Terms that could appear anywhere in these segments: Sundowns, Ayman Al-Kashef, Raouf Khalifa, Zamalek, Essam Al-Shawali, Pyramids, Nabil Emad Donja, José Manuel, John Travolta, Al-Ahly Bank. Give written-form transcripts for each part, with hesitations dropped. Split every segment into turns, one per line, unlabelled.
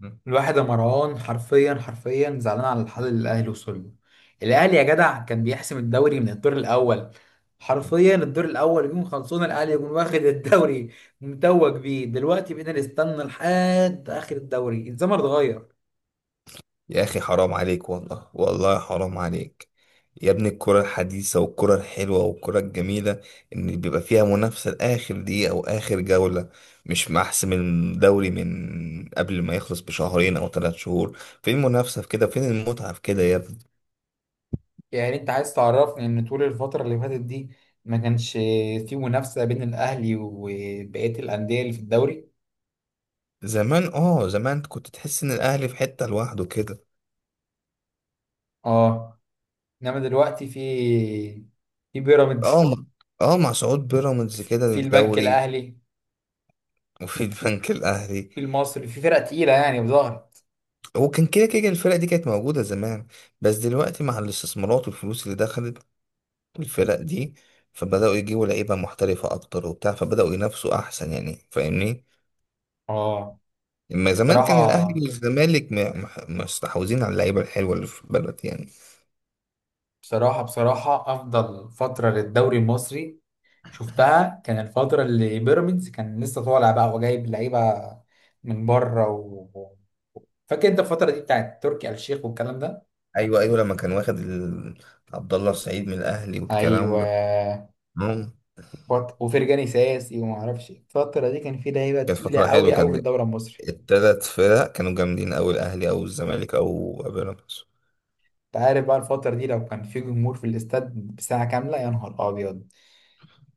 مم.
الواحد يا مروان، حرفيا حرفيا زعلان على الحل اللي الاهلي وصل له. الاهلي يا جدع، كان بيحسم الدوري من الدور الاول. حرفيا الدور الاول يكون خلصونا، الاهلي يكون واخد الدوري متوج بيه. دلوقتي بقينا نستنى لحد اخر الدوري. الزمن اتغير.
يا أخي، حرام عليك، والله والله حرام عليك. يا ابني، الكرة الحديثة والكرة الحلوة والكرة الجميلة إن بيبقى فيها منافسة لآخر دقيقة أو آخر جولة، مش محسم الدوري من قبل ما يخلص بشهرين أو ثلاث شهور. فين المنافسة في كده؟ فين المتعة في كده يا ابني؟
يعني انت عايز تعرفني ان طول الفتره اللي فاتت دي ما كانش في منافسه بين الاهلي وبقيه الانديه اللي في الدوري؟
زمان كنت تحس إن الأهلي في حتة لوحده كده.
اه، انما دلوقتي في
اه
بيراميدز،
مع- اه مع صعود بيراميدز كده
في البنك
للدوري.
الاهلي
وفي البنك الأهلي.
المصري، في فرق تقيلة يعني ظهرت.
وكان كده كده الفرق دي كانت موجودة زمان، بس دلوقتي مع الاستثمارات والفلوس اللي دخلت الفرق دي، فبدأوا يجيبوا لعيبة محترفة أكتر وبتاع، فبدأوا ينافسوا أحسن يعني. فاهمني؟
اه،
اما زمان كان الأهلي
بصراحة
والزمالك مستحوذين على اللعيبة الحلوة اللي في البلد يعني.
بصراحة أفضل فترة للدوري المصري شفتها كان الفترة اللي بيراميدز كان لسه طالع بقى وجايب لعيبة من بره و فاكر انت الفترة دي بتاعت تركي آل الشيخ والكلام ده؟
أيوه أيوه، لما كان واخد عبد الله السعيد من الأهلي والكلام
ايوه،
ده. مم.
وفرجاني ساسي وما اعرفش إيه. الفترة دي كان في لعيبة
كانت
تقيلة
فترة
قوي
حلوة،
قوي في
كان
الدوري المصري.
التلات فرق كانوا جامدين أوي، الأهلي أو الزمالك أو بيراميدز.
انت عارف بقى الفترة دي لو كان في جمهور في الاستاد بساعة كاملة، يا نهار ابيض.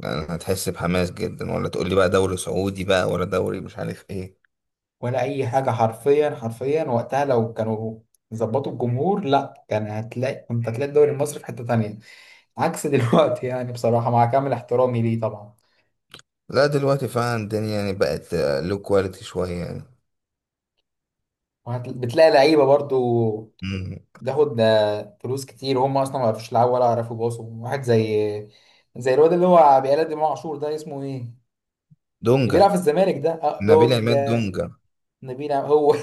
يعني هتحس بحماس جدا، ولا تقول لي بقى دوري سعودي بقى ولا دوري مش عارف ايه.
ولا اي حاجه. حرفيا حرفيا وقتها لو كانوا ظبطوا الجمهور، لا كان هتلاقي كنت هتلاقي الدوري المصري في حته تانية. عكس دلوقتي يعني، بصراحه مع كامل احترامي ليه طبعا.
لا دلوقتي فعلا الدنيا يعني بقت لو كواليتي شوية يعني.
بتلاقي لعيبه برضو
مم.
بتاخد فلوس كتير وهم اصلا ما يعرفوش يلعبوا ولا يعرفوا يباصوا، واحد زي الواد اللي هو بيقلد امام عاشور ده اسمه ايه؟ اللي
دونجا.
بيلعب في الزمالك ده، أه
نبيل عماد
دونجا.
دونجا.
هو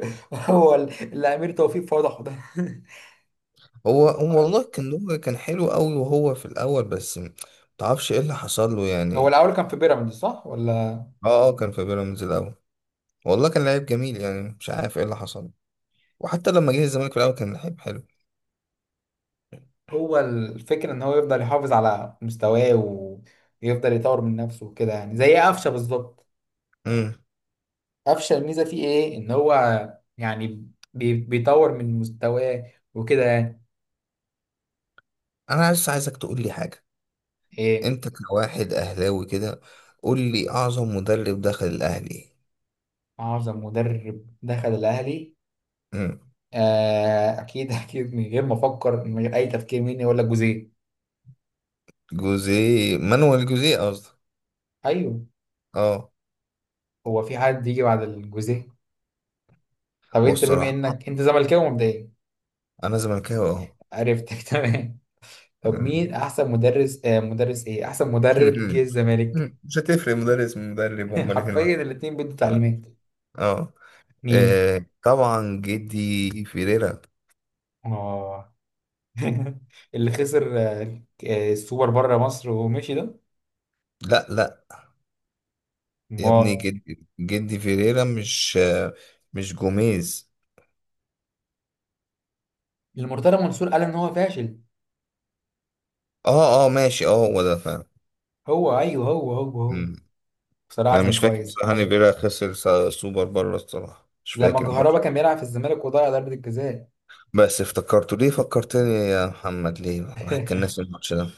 هو اللي امير توفيق فضحه ده.
هو هو والله، كان دونجا كان حلو قوي وهو في الأول، بس متعرفش ايه اللي حصل له
هو
يعني.
الاول كان في بيراميدز صح ولا؟
اه اه، كان في بيراميدز الأول. والله كان لعيب جميل، يعني مش عارف ايه اللي حصل له. وحتى لما جه الزمالك في الأول كان لعيب حلو.
هو الفكرة ان هو يفضل يحافظ على مستواه ويفضل يطور من نفسه وكده يعني، زي قفشة بالظبط.
مم.
قفشة، الميزة فيه ايه؟ ان هو يعني بيطور من مستواه وكده يعني.
أنا بس عايزك تقول لي حاجة.
ايه؟
أنت كواحد أهلاوي كده، قول لي أعظم مدرب دخل الأهلي.
اعظم مدرب دخل الاهلي؟
مم.
آه اكيد اكيد، من غير ما افكر، من غير اي تفكير، مين؟ يقول لك جوزيه.
جوزيه. مانويل جوزيه قصدك.
ايوه.
اه.
هو في حد يجي بعد الجوزيه؟ طب انت بما
والصراحة
انك انت زملكاوي مبدئيا.
أنا زملكاوي أهو.
عرفتك تمام. طب مين
مم.
احسن مدرس، آه مدرس ايه، احسن مدرب جه الزمالك؟
مم. مش هتفرق مدرس من مدرب، هما الاتنين
حرفيا
واحد.
الاتنين بيدوا
اه.
تعليمات.
آه.
مين؟
آه، طبعا جدي فيريرا.
اه. اللي خسر السوبر بره مصر ومشي ده.
لا لا يا
ما
ابني، جدي جدي فيريرا، مش جوميز.
المرتضى منصور قال ان هو فاشل.
اه اه ماشي، اه هو ده فعلا.
هو ايوه، هو.
مم.
بصراحه
انا
كان
مش فاكر
كويس
بصراحة ان
يعني.
فيريرا خسر سوبر بره، الصراحة مش
لما
فاكر
كهربا
الماتش.
كان بيلعب في الزمالك وضيع ضربه الجزاء.
بس افتكرته ليه، فكرتني يا محمد، ليه الواحد كان ناسي الماتش ده.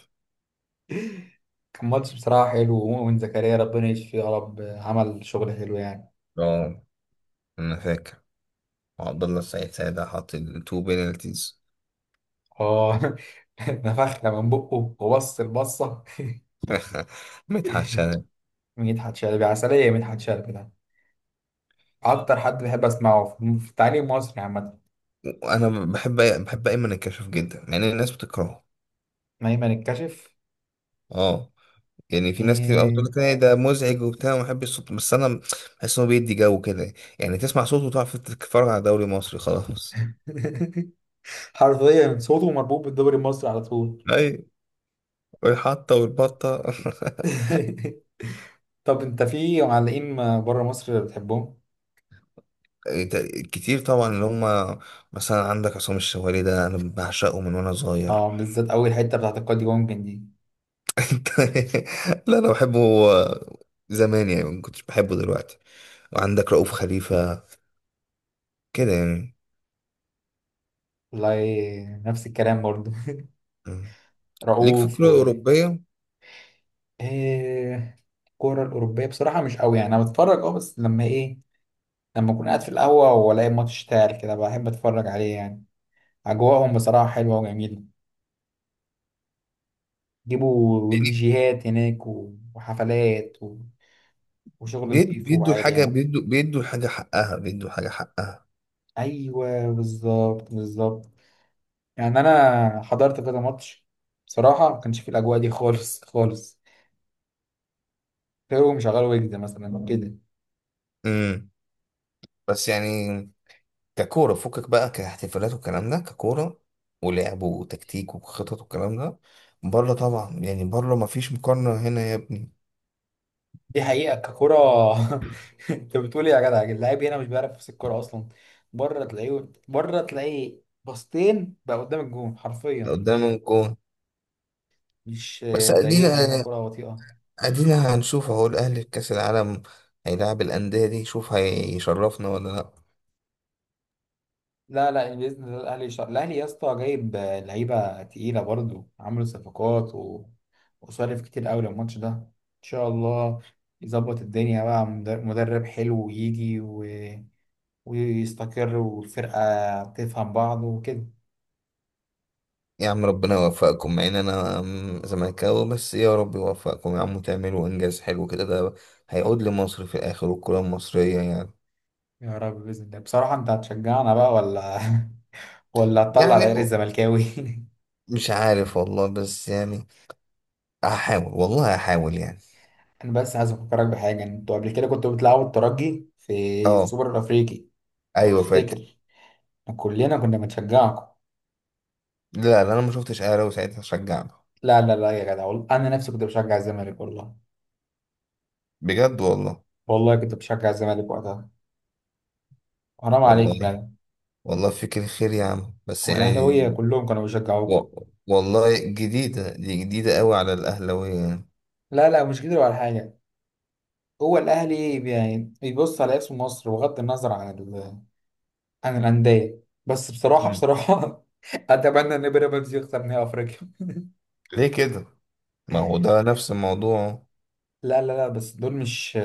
كان ماتش بصراحه حلو، ومؤمن زكريا ربنا يشفيه يا رب، عمل شغل حلو يعني.
اه انا فاكر، عبد الله السعيد ساعتها حاط التو بينالتيز.
اه. نفخنا من بقه وبص البصه.
متحش انا.
مدحت شلبي عسليه. مدحت شلبي ده اكتر حد بحب اسمعه في التعليم المصري عامه.
وانا بحب ايمن الكشف جدا يعني الناس بتكرهه.
نايما الكشف.
اه. يعني في ناس كتير قوي بتقول
إيه.
لك إيه ده مزعج وبتاع وما بحبش صوته، بس انا بحس انه بيدي جو كده. يعني تسمع صوته وتعرف تتفرج على دوري مصري خلاص.
حرفيا صوته مربوط بالدوري المصري على طول.
اي، والحطه والبطه.
طب انت في معلقين بره مصر بتحبهم؟
إيه، كتير طبعا اللي هم مثلا عندك عصام الشوالي، ده انا بعشقه من وانا صغير.
اه، بالذات اول حته بتاعت القاضي ممكن دي.
انت- لا انا بحبه. زمان يعني ما كنتش بحبه دلوقتي. وعندك رؤوف خليفة كده يعني.
والله نفس الكلام برضو
مم. ليك في
رؤوف
الكرة
و
الأوروبية؟
إيه. الكوره الاوروبيه بصراحه مش قوي يعني، انا بتفرج بس لما ايه، لما اكون قاعد في القهوه والاقي ماتش اشتغل كده، بحب اتفرج عليه يعني. اجواءهم بصراحه حلوه وجميله، جيبوا
يعني
ديجيهات هناك وحفلات وشغل نضيف
بيدوا
وعالي
الحاجة،
يعني.
بيدوا الحاجة حقها، بيدوا الحاجة حقها.
ايوه بالظبط بالظبط. يعني انا حضرت كذا ماتش، بصراحه ما كانش فيه الاجواء دي خالص خالص. كانوا مشغلوا ويجز مثلا كده.
امم بس يعني ككورة فكك بقى، كاحتفالات والكلام ده، ككورة ولعب وتكتيك وخطط والكلام ده، بره طبعا. يعني بره مفيش مقارنة هنا يا ابني.
دي حقيقه ككره. انت بتقول ايه يا جدع؟ اللاعب هنا مش بيعرف يمسك الكوره اصلا. بره تلاقيه باصتين بقى قدام الجون
ده
حرفيا.
قدام الجون.
مش
بس ادينا
زينا هنا، كره بطيئه.
ادينا هنشوف اهو الاهلي في كاس العالم، هيلاعب الانديه دي، شوف هيشرفنا ولا لا.
لا لا، باذن الله. الاهلي الاهلي يا اسطى جايب لعيبه تقيله برضو، عامل صفقات و وصرف كتير قوي للماتش ده. ان شاء الله يظبط الدنيا بقى. مدرب حلو يجي و ويستقر والفرقه تفهم بعض وكده.
يا عم ربنا يوفقكم مع ان انا زملكاوي، بس يا رب يوفقكم يا عم، وتعملوا انجاز حلو كده، ده هيعود لمصر في الاخر والكره المصريه يعني.
يا رب باذن الله. بصراحه انت هتشجعنا بقى ولا ولا هتطلع
يعني
العير الزملكاوي؟
مش عارف والله، بس يعني هحاول والله هحاول يعني.
انا بس عايز افكرك بحاجه، انتوا قبل كده كنتوا بتلعبوا الترجي في
اه.
السوبر الافريقي، لو
ايوه فاكر.
تفتكر، كلنا كنا بنشجعكم.
لا لا، انا ما شفتش اهلاوي ساعتها شجعنا.
لا لا لا يا جدع، والله انا نفسي كنت بشجع الزمالك والله.
بجد والله.
والله كنت بشجع الزمالك وقتها. حرام عليك يا جدع.
والله والله فيك الخير يا عم، بس يعني
والاهلاويه كلهم كانوا بيشجعوكوا.
والله جديدة دي، جديدة قوي على الأهلاوية يعني.
لا لا، مش كده ولا حاجه. هو الاهلي يعني بيبص على اسم مصر بغض النظر عن عن الانديه. بس بصراحه
مم.
بصراحه اتمنى ان بيراميدز يخسر نهائي افريقيا
ليه كده؟ ما هو ده نفس الموضوع.
لا لا لا، بس دول مش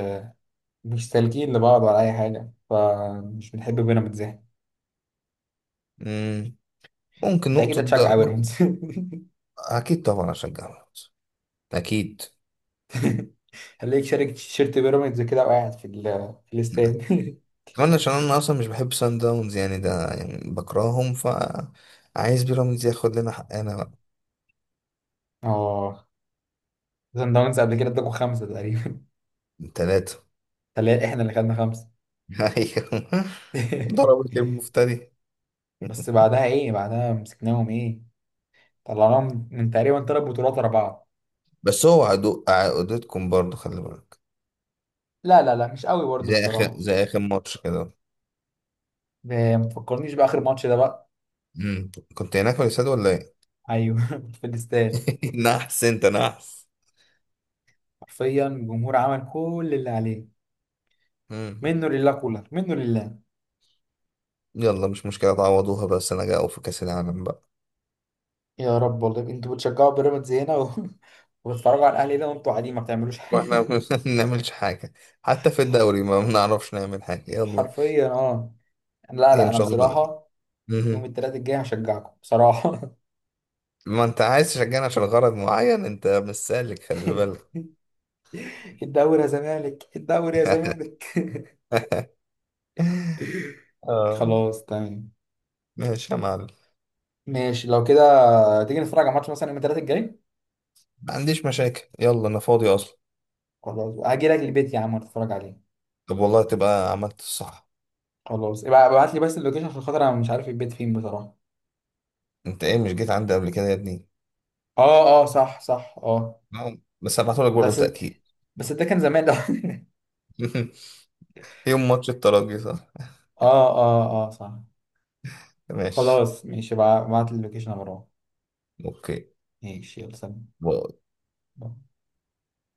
مش سالكين لبعض ولا اي حاجه، فمش بنحب بيراميدز يعني.
مم. ممكن
انت اكيد
نقطة
هتشجع
ده.
بيراميدز؟
أكيد طبعا أشجع الأهلي. أكيد.
خليك شارك تيشيرت بيراميدز كده وقاعد في في
مم.
الاستاد
كمان عشان أنا أصلا مش بحب سان داونز يعني، ده يعني بكرههم، فعايز بيراميدز ياخد لنا حقنا بقى.
اه. سان داونز قبل كده اداكوا خمسة تقريبا.
تلاتة.
تلاقي احنا اللي خدنا خمسة.
أيوه. ضربت المفتري.
بس بعدها ايه، بعدها مسكناهم ايه، طلعناهم من تقريبا ثلاث بطولات ورا بعض.
بس هو عدو عقدتكم برضه، خلي بالك.
لا لا لا، مش قوي برضه
زي آخر
بصراحة.
زي آخر ماتش كده.
ما تفكرنيش بآخر ماتش ده بقى.
مم. كنت هناك في الاستاد ولا إيه؟
ايوه كنت في الاستاد.
نحس انت نحس.
حرفيا الجمهور عمل كل اللي عليه.
مم.
منه لله كولر، منه لله.
يلا مش مشكلة تعوضوها، بس انا جاي في كأس العالم بقى.
يا رب والله. انتوا بتشجعوا بيراميدز هنا و وبتتفرجوا على الاهلي ده وانتوا قاعدين ما بتعملوش
واحنا
حاجة.
ما بنعملش حاجة، حتى في الدوري ما بنعرفش نعمل حاجة. يلا.
حرفيا اه. لا
إيه،
لا،
ان
انا
شاء الله.
بصراحه يوم
مم.
الثلاث الجاي هشجعكم بصراحه.
ما انت عايز تشجعنا عشان غرض معين، انت مش سالك خلي بالك.
الدوري يا زمالك، الدوري يا زمالك
اه.
خلاص تمام.
ماشي يا معلم.
ماشي لو كده، تيجي نتفرج على ماتش مثلا يوم الثلاث الجاي؟
ما عنديش مشاكل، يلا انا فاضي اصلا.
خلاص هاجي لك البيت يا عم، نتفرج عليه.
طب والله تبقى عملت الصح.
خلاص، ابقى ابعت لي بس اللوكيشن عشان خاطر انا مش عارف البيت فين بصراحه.
انت ايه مش جيت عندي قبل كده يا ابني؟
اه اه صح صح اه.
نعم. بس هبعتهولك
ده
برضه
ست،
تأكيد.
بس ده كان زمان ده.
يوم ماتش الترجي صح؟
اه اه اه صح.
ماشي.
خلاص ماشي، ابعت لي اللوكيشن يا مروان.
اوكي.
ماشي يلا سلام.
و-